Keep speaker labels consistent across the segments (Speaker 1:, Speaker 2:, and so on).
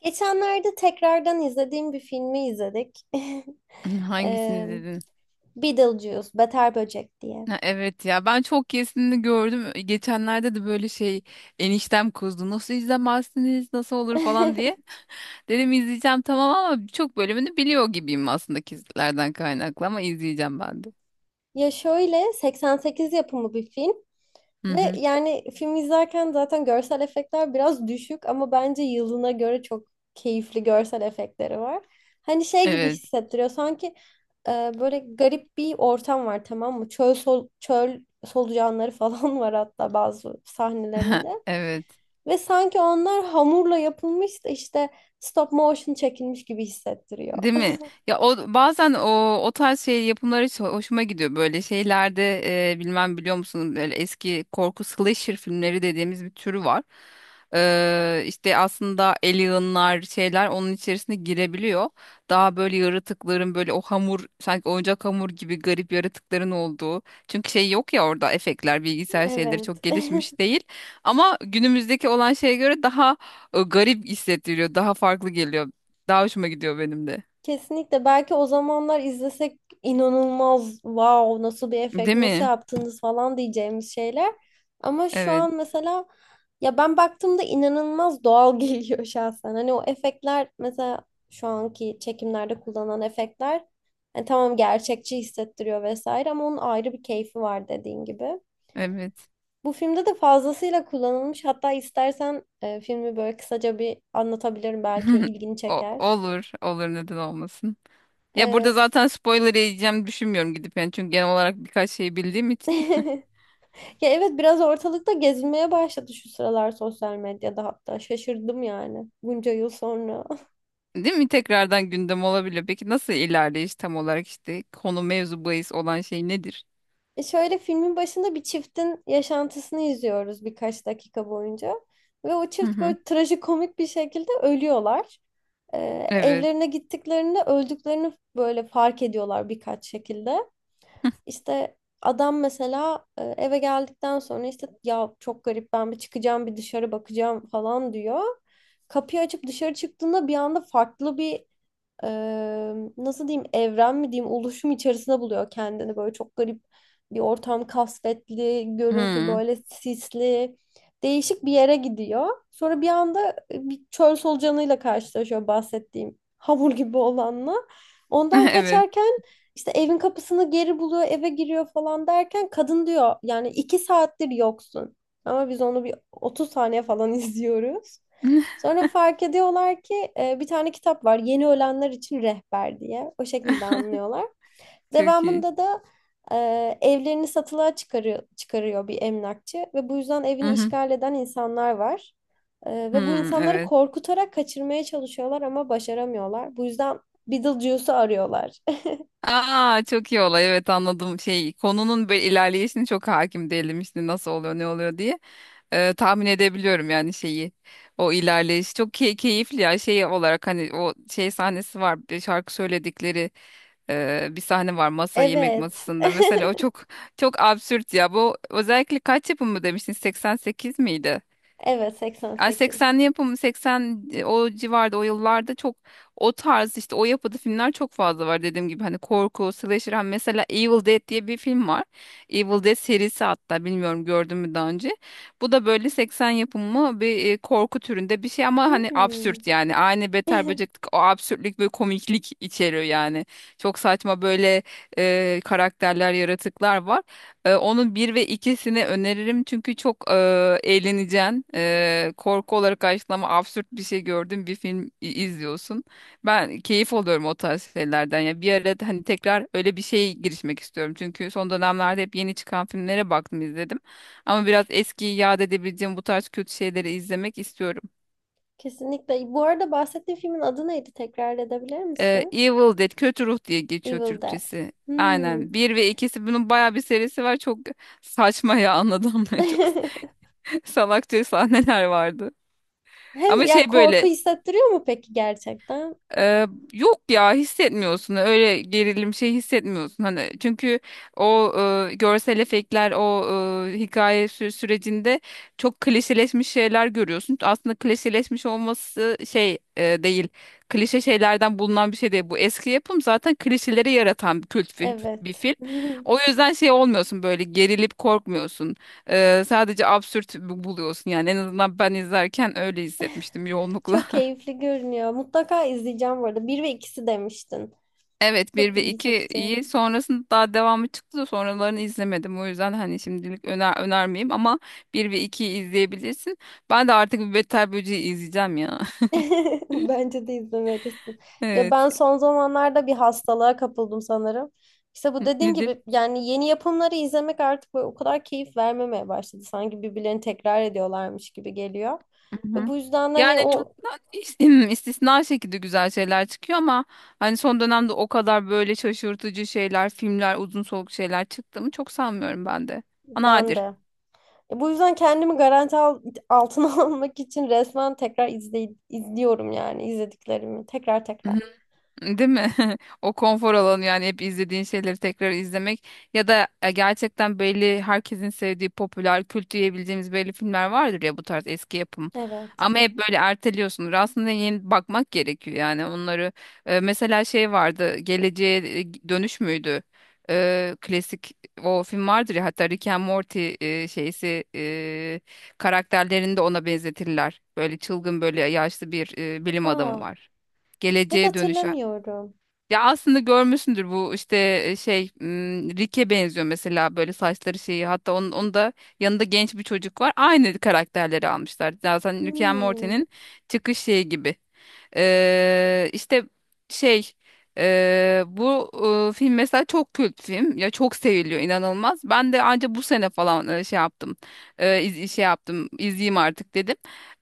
Speaker 1: Geçenlerde tekrardan izlediğim bir filmi izledik. Eee
Speaker 2: Hangisini dedin?
Speaker 1: Beetlejuice, Beter Böcek diye.
Speaker 2: Ha, evet ya ben çok kesini gördüm. Geçenlerde de böyle şey eniştem kızdı. Nasıl izlemezsiniz? Nasıl olur falan diye. Dedim izleyeceğim tamam ama çok bölümünü biliyor gibiyim aslında kizlerden kaynaklı ama izleyeceğim ben de.
Speaker 1: Ya şöyle 88 yapımı bir film
Speaker 2: Hı
Speaker 1: ve
Speaker 2: hı.
Speaker 1: yani film izlerken zaten görsel efektler biraz düşük ama bence yılına göre çok keyifli görsel efektleri var. Hani şey gibi
Speaker 2: Evet.
Speaker 1: hissettiriyor sanki, e, böyle garip bir ortam var, tamam mı? Çöl solucanları falan var hatta bazı sahnelerinde.
Speaker 2: Evet.
Speaker 1: Ve sanki onlar hamurla yapılmış da işte stop motion çekilmiş gibi hissettiriyor.
Speaker 2: Değil mi? Ya o bazen o tarz şey yapımları hiç hoşuma gidiyor böyle şeylerde bilmem biliyor musun böyle eski korku slasher filmleri dediğimiz bir türü var. İşte aslında alienlar şeyler onun içerisine girebiliyor. Daha böyle yaratıkların böyle o hamur sanki oyuncak hamur gibi garip yaratıkların olduğu. Çünkü şey yok ya orada efektler bilgisayar şeyleri çok
Speaker 1: Evet.
Speaker 2: gelişmiş değil. Ama günümüzdeki olan şeye göre daha garip hissettiriyor, daha farklı geliyor. Daha hoşuma gidiyor benim de.
Speaker 1: Kesinlikle. Belki o zamanlar izlesek inanılmaz wow, nasıl bir efekt,
Speaker 2: Değil
Speaker 1: nasıl
Speaker 2: mi?
Speaker 1: yaptınız falan diyeceğimiz şeyler. Ama şu
Speaker 2: Evet,
Speaker 1: an mesela ya ben baktığımda inanılmaz doğal geliyor şahsen. Hani o efektler mesela şu anki çekimlerde kullanılan efektler, yani tamam, gerçekçi hissettiriyor vesaire ama onun ayrı bir keyfi var dediğin gibi.
Speaker 2: evet.
Speaker 1: Bu filmde de fazlasıyla kullanılmış. Hatta istersen filmi böyle kısaca bir anlatabilirim. Belki ilgini
Speaker 2: O,
Speaker 1: çeker.
Speaker 2: olur, olur, neden olmasın. Ya burada
Speaker 1: E,
Speaker 2: zaten spoiler yiyeceğim düşünmüyorum gidip yani çünkü genel olarak birkaç şey bildiğim için.
Speaker 1: Ya evet, biraz ortalıkta gezinmeye başladı şu sıralar sosyal medyada hatta. Şaşırdım yani bunca yıl sonra.
Speaker 2: Değil mi? Tekrardan gündem olabilir. Peki nasıl ilerleyiş, tam olarak işte konu, mevzu bahis olan şey nedir?
Speaker 1: Şöyle filmin başında bir çiftin yaşantısını izliyoruz birkaç dakika boyunca. Ve o
Speaker 2: Hı
Speaker 1: çift
Speaker 2: hı.
Speaker 1: böyle trajikomik bir şekilde ölüyorlar. E,
Speaker 2: Evet.
Speaker 1: Evlerine gittiklerinde öldüklerini böyle fark ediyorlar birkaç şekilde. İşte adam mesela eve geldikten sonra işte ya çok garip, ben bir çıkacağım, bir dışarı bakacağım falan diyor. Kapıyı açıp dışarı çıktığında bir anda farklı bir, e, nasıl diyeyim, evren mi diyeyim oluşum içerisinde buluyor kendini, böyle çok garip bir ortam, kasvetli görüntü,
Speaker 2: Hı.
Speaker 1: böyle sisli, değişik bir yere gidiyor. Sonra bir anda bir çöl solucanıyla karşılaşıyor, bahsettiğim hamur gibi olanla. Ondan
Speaker 2: Evet.
Speaker 1: kaçarken işte evin kapısını geri buluyor, eve giriyor falan derken kadın diyor yani iki saattir yoksun. Ama biz onu bir 30 saniye falan izliyoruz. Sonra fark ediyorlar ki bir tane kitap var, Yeni Ölenler için Rehber diye. O şekilde anlıyorlar.
Speaker 2: Çok iyi.
Speaker 1: Devamında da evlerini satılığa çıkarıyor bir emlakçı ve bu yüzden
Speaker 2: Hı
Speaker 1: evini
Speaker 2: hı.
Speaker 1: işgal eden insanlar var. E,
Speaker 2: Hı,
Speaker 1: ve bu insanları
Speaker 2: evet.
Speaker 1: korkutarak kaçırmaya çalışıyorlar ama başaramıyorlar. Bu yüzden Beetlejuice'u arıyorlar.
Speaker 2: Aa, çok iyi olay, evet anladım, şey konunun böyle ilerleyişini çok hakim değilim işte nasıl oluyor ne oluyor diye. Tahmin edebiliyorum yani şeyi. O ilerleyiş çok keyifli ya, şey olarak hani o şey sahnesi var bir şarkı söyledikleri, bir sahne var masa, yemek
Speaker 1: Evet.
Speaker 2: masasında mesela, o çok çok absürt ya. Bu özellikle kaç yapımı demiştin, 88 miydi?
Speaker 1: Evet,
Speaker 2: Ay
Speaker 1: 88.
Speaker 2: 80'li yapımı, 80 o civarda, o yıllarda çok o tarz işte, o yapıda filmler çok fazla var dediğim gibi. Hani korku, slasher, hani mesela Evil Dead diye bir film var. Evil Dead serisi, hatta bilmiyorum gördün mü daha önce. Bu da böyle 80 yapımı bir korku türünde bir şey, ama hani
Speaker 1: Hmm.
Speaker 2: absürt yani, aynı Beter Böcek'teki o absürtlük ve komiklik içeriyor yani. Çok saçma böyle karakterler, yaratıklar var. Onun bir ve ikisini öneririm çünkü çok eğleneceksin. Korku olarak karşılama, absürt bir şey gördüğün bir film izliyorsun. Ben keyif alıyorum o tarz şeylerden. Ya bir ara da hani tekrar öyle bir şeye girişmek istiyorum. Çünkü son dönemlerde hep yeni çıkan filmlere baktım, izledim. Ama biraz eskiyi yad edebileceğim bu tarz kötü şeyleri izlemek istiyorum.
Speaker 1: Kesinlikle. Bu arada bahsettiğin filmin adı neydi? Tekrar edebilir misin?
Speaker 2: Evil Dead, Kötü Ruh diye geçiyor
Speaker 1: Evil Dead.
Speaker 2: Türkçesi.
Speaker 1: Hmm.
Speaker 2: Aynen. Bir ve ikisi, bunun bayağı bir serisi var. Çok saçma ya, anladın mı? Çok. Salakça sahneler vardı.
Speaker 1: Hem
Speaker 2: Ama
Speaker 1: ya
Speaker 2: şey
Speaker 1: korku
Speaker 2: böyle
Speaker 1: hissettiriyor mu peki gerçekten?
Speaker 2: ee, yok ya, hissetmiyorsun öyle gerilim, şey hissetmiyorsun hani çünkü o görsel efektler, o hikaye sürecinde çok klişeleşmiş şeyler görüyorsun. Aslında klişeleşmiş olması şey değil, klişe şeylerden bulunan bir şey değil bu, eski yapım zaten, klişeleri yaratan bir kült bir
Speaker 1: Evet.
Speaker 2: film. O yüzden şey olmuyorsun, böyle gerilip korkmuyorsun. Sadece absürt buluyorsun yani, en azından ben izlerken öyle hissetmiştim yoğunlukla.
Speaker 1: Çok keyifli görünüyor. Mutlaka izleyeceğim bu arada. Bir ve ikisi demiştin.
Speaker 2: Evet, bir
Speaker 1: Çok
Speaker 2: ve
Speaker 1: ilgi çekici.
Speaker 2: 2'yi, sonrasında daha devamı çıktı da sonralarını izlemedim. O yüzden hani şimdilik önermeyeyim ama bir ve 2'yi izleyebilirsin. Ben de artık bir Beter Böceği izleyeceğim ya.
Speaker 1: Bence de izlemelisin. Ya
Speaker 2: Evet.
Speaker 1: ben son zamanlarda bir hastalığa kapıldım sanırım. İşte bu
Speaker 2: N-
Speaker 1: dediğin
Speaker 2: Nedir?
Speaker 1: gibi, yani yeni yapımları izlemek artık böyle o kadar keyif vermemeye başladı. Sanki birbirlerini tekrar ediyorlarmış gibi geliyor. Ve
Speaker 2: Mhm.
Speaker 1: bu yüzden de hani
Speaker 2: Yani çok
Speaker 1: o
Speaker 2: da istisna şekilde güzel şeyler çıkıyor ama hani son dönemde o kadar böyle şaşırtıcı şeyler, filmler, uzun soluk şeyler çıktığını çok sanmıyorum ben de. Nadir.
Speaker 1: bende. Bu yüzden kendimi altına almak için resmen tekrar izliyorum, yani izlediklerimi tekrar tekrar.
Speaker 2: Değil mi? O konfor alanı yani, hep izlediğin şeyleri tekrar izlemek ya da gerçekten belli, herkesin sevdiği popüler kült diyebileceğimiz belli filmler vardır ya, bu tarz eski yapım.
Speaker 1: Evet.
Speaker 2: Ama hep böyle erteliyorsun. Aslında yeni bakmak gerekiyor yani onları. Mesela şey vardı, Geleceğe Dönüş müydü? Klasik o film vardır ya, hatta Rick and Morty şeysi karakterlerini de ona benzetirler. Böyle çılgın, böyle yaşlı bir bilim adamı
Speaker 1: Aa,
Speaker 2: var.
Speaker 1: pek
Speaker 2: Geleceğe dönüş,
Speaker 1: hatırlamıyorum.
Speaker 2: ya aslında görmüşsündür bu, işte şey Rick'e benziyor mesela, böyle saçları şeyi, hatta onun da yanında genç bir çocuk var. Aynı karakterleri almışlar. Zaten Rick and
Speaker 1: Hmm.
Speaker 2: Morty'nin çıkış şeyi gibi. İşte şey, bu film mesela çok kült film ya, çok seviliyor inanılmaz. Ben de anca bu sene falan şey yaptım. Şey yaptım, izleyeyim artık dedim.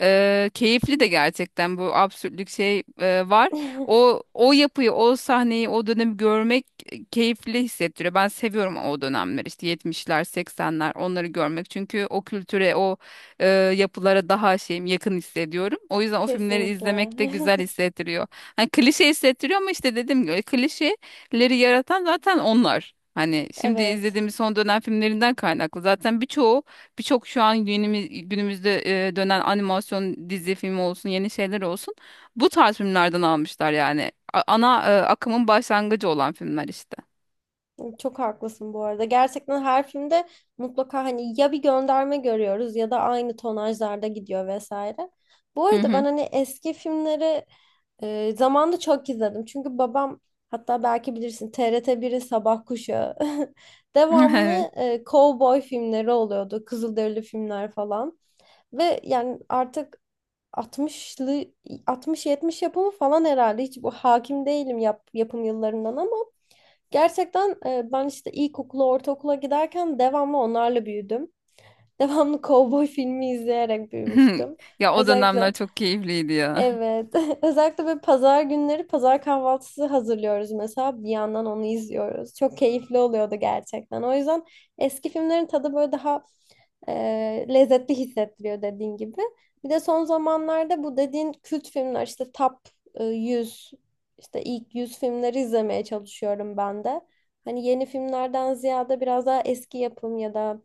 Speaker 2: Keyifli de gerçekten, bu absürtlük şey var. O yapıyı, o sahneyi, o dönemi görmek keyifli hissettiriyor. Ben seviyorum o dönemler işte, 70'ler, 80'ler, onları görmek. Çünkü o kültüre, o e, yapılara daha şeyim, yakın hissediyorum. O yüzden o filmleri
Speaker 1: Kesinlikle.
Speaker 2: izlemek de güzel hissettiriyor. Hani klişe hissettiriyor ama işte dediğim gibi, klişeleri yaratan zaten onlar. Hani şimdi
Speaker 1: Evet.
Speaker 2: izlediğimiz son dönem filmlerinden kaynaklı. Zaten birçoğu, birçok şu an günümüzde dönen animasyon, dizi, filmi olsun, yeni şeyler olsun, bu tarz filmlerden almışlar yani. Ana akımın başlangıcı olan filmler işte.
Speaker 1: Çok haklısın bu arada. Gerçekten her filmde mutlaka hani ya bir gönderme görüyoruz ya da aynı tonajlarda gidiyor vesaire. Bu
Speaker 2: Hı
Speaker 1: arada ben
Speaker 2: hı.
Speaker 1: hani eski filmleri zamanında çok izledim. Çünkü babam, hatta belki bilirsin, TRT 1'in Sabah Kuşağı devamlı
Speaker 2: Evet.
Speaker 1: kovboy filmleri oluyordu. Kızılderili filmler falan. Ve yani artık 60'lı, 60-70 yapımı falan herhalde. Hiç bu hakim değilim, yapım yıllarından ama gerçekten ben işte ilkokula, ortaokula giderken devamlı onlarla büyüdüm. Devamlı kovboy filmi izleyerek büyümüştüm.
Speaker 2: Ya o dönemler
Speaker 1: Özellikle.
Speaker 2: çok keyifliydi ya.
Speaker 1: Evet. Özellikle böyle pazar günleri pazar kahvaltısı hazırlıyoruz mesela. Bir yandan onu izliyoruz. Çok keyifli oluyordu gerçekten. O yüzden eski filmlerin tadı böyle daha, e, lezzetli hissettiriyor dediğin gibi. Bir de son zamanlarda bu dediğin kült filmler, işte top 100, işte ilk 100 filmleri izlemeye çalışıyorum ben de. Hani yeni filmlerden ziyade biraz daha eski yapım ya da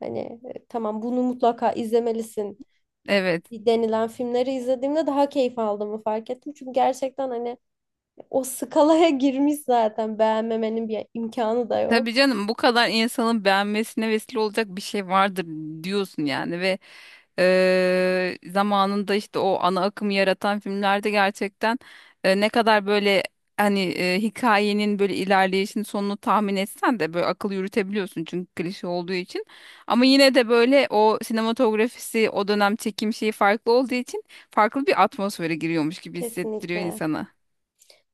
Speaker 1: hani tamam bunu mutlaka izlemelisin
Speaker 2: Evet.
Speaker 1: denilen filmleri izlediğimde daha keyif aldığımı fark ettim. Çünkü gerçekten hani o skalaya girmiş, zaten beğenmemenin bir imkanı da
Speaker 2: Tabii
Speaker 1: yok.
Speaker 2: canım, bu kadar insanın beğenmesine vesile olacak bir şey vardır diyorsun yani. Ve zamanında işte o ana akımı yaratan filmlerde gerçekten ne kadar böyle hani hikayenin böyle ilerleyişin sonunu tahmin etsen de böyle akıl yürütebiliyorsun çünkü klişe olduğu için, ama yine de böyle o sinematografisi, o dönem çekim şeyi farklı olduğu için, farklı bir atmosfere giriyormuş gibi hissettiriyor
Speaker 1: Kesinlikle.
Speaker 2: insana.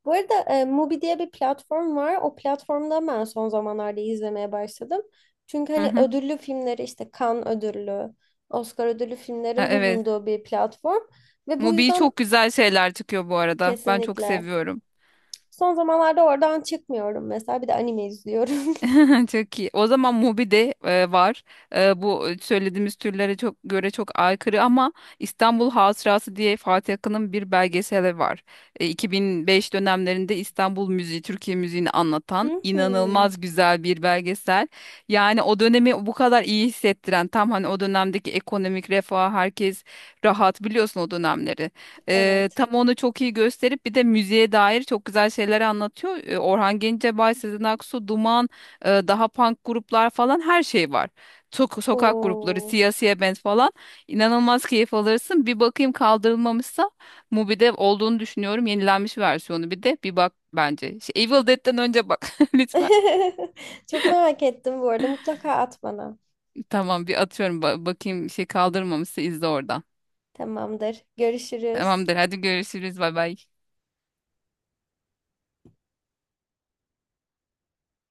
Speaker 1: Bu arada Mubi diye bir platform var. O platformda ben son zamanlarda izlemeye başladım. Çünkü
Speaker 2: Hı
Speaker 1: hani
Speaker 2: hı.
Speaker 1: ödüllü filmleri, işte Cannes ödüllü, Oscar ödüllü
Speaker 2: Ha,
Speaker 1: filmlerin
Speaker 2: evet.
Speaker 1: bulunduğu bir platform. Ve bu
Speaker 2: Mobil
Speaker 1: yüzden
Speaker 2: çok güzel şeyler çıkıyor bu arada. Ben çok
Speaker 1: kesinlikle.
Speaker 2: seviyorum.
Speaker 1: Son zamanlarda oradan çıkmıyorum mesela. Bir de anime izliyorum.
Speaker 2: Çok iyi. O zaman Mubi'de var. Bu söylediğimiz türlere çok göre çok aykırı ama, İstanbul Hatırası diye Fatih Akın'ın bir belgeseli var. 2005 dönemlerinde İstanbul müziği, Türkiye müziğini anlatan
Speaker 1: Hı hı.
Speaker 2: inanılmaz güzel bir belgesel. Yani o dönemi bu kadar iyi hissettiren, tam hani o dönemdeki ekonomik refah, herkes rahat, biliyorsun o dönemleri.
Speaker 1: Evet.
Speaker 2: Tam onu çok iyi gösterip bir de müziğe dair çok güzel şeyler anlatıyor. Orhan Gencebay, Sezen Aksu, Duman, daha punk gruplar falan, her şey var. Sokak grupları,
Speaker 1: Oo.
Speaker 2: siyasiye band falan. İnanılmaz keyif alırsın. Bir bakayım kaldırılmamışsa, Mubi'de olduğunu düşünüyorum. Yenilenmiş versiyonu bir de bir bak bence. Şey, Evil Dead'den önce bak lütfen.
Speaker 1: Çok merak ettim bu arada. Mutlaka at bana.
Speaker 2: Tamam, bir atıyorum. Bakayım şey, kaldırılmamışsa izle oradan.
Speaker 1: Tamamdır. Görüşürüz.
Speaker 2: Tamamdır, hadi görüşürüz, bay bay.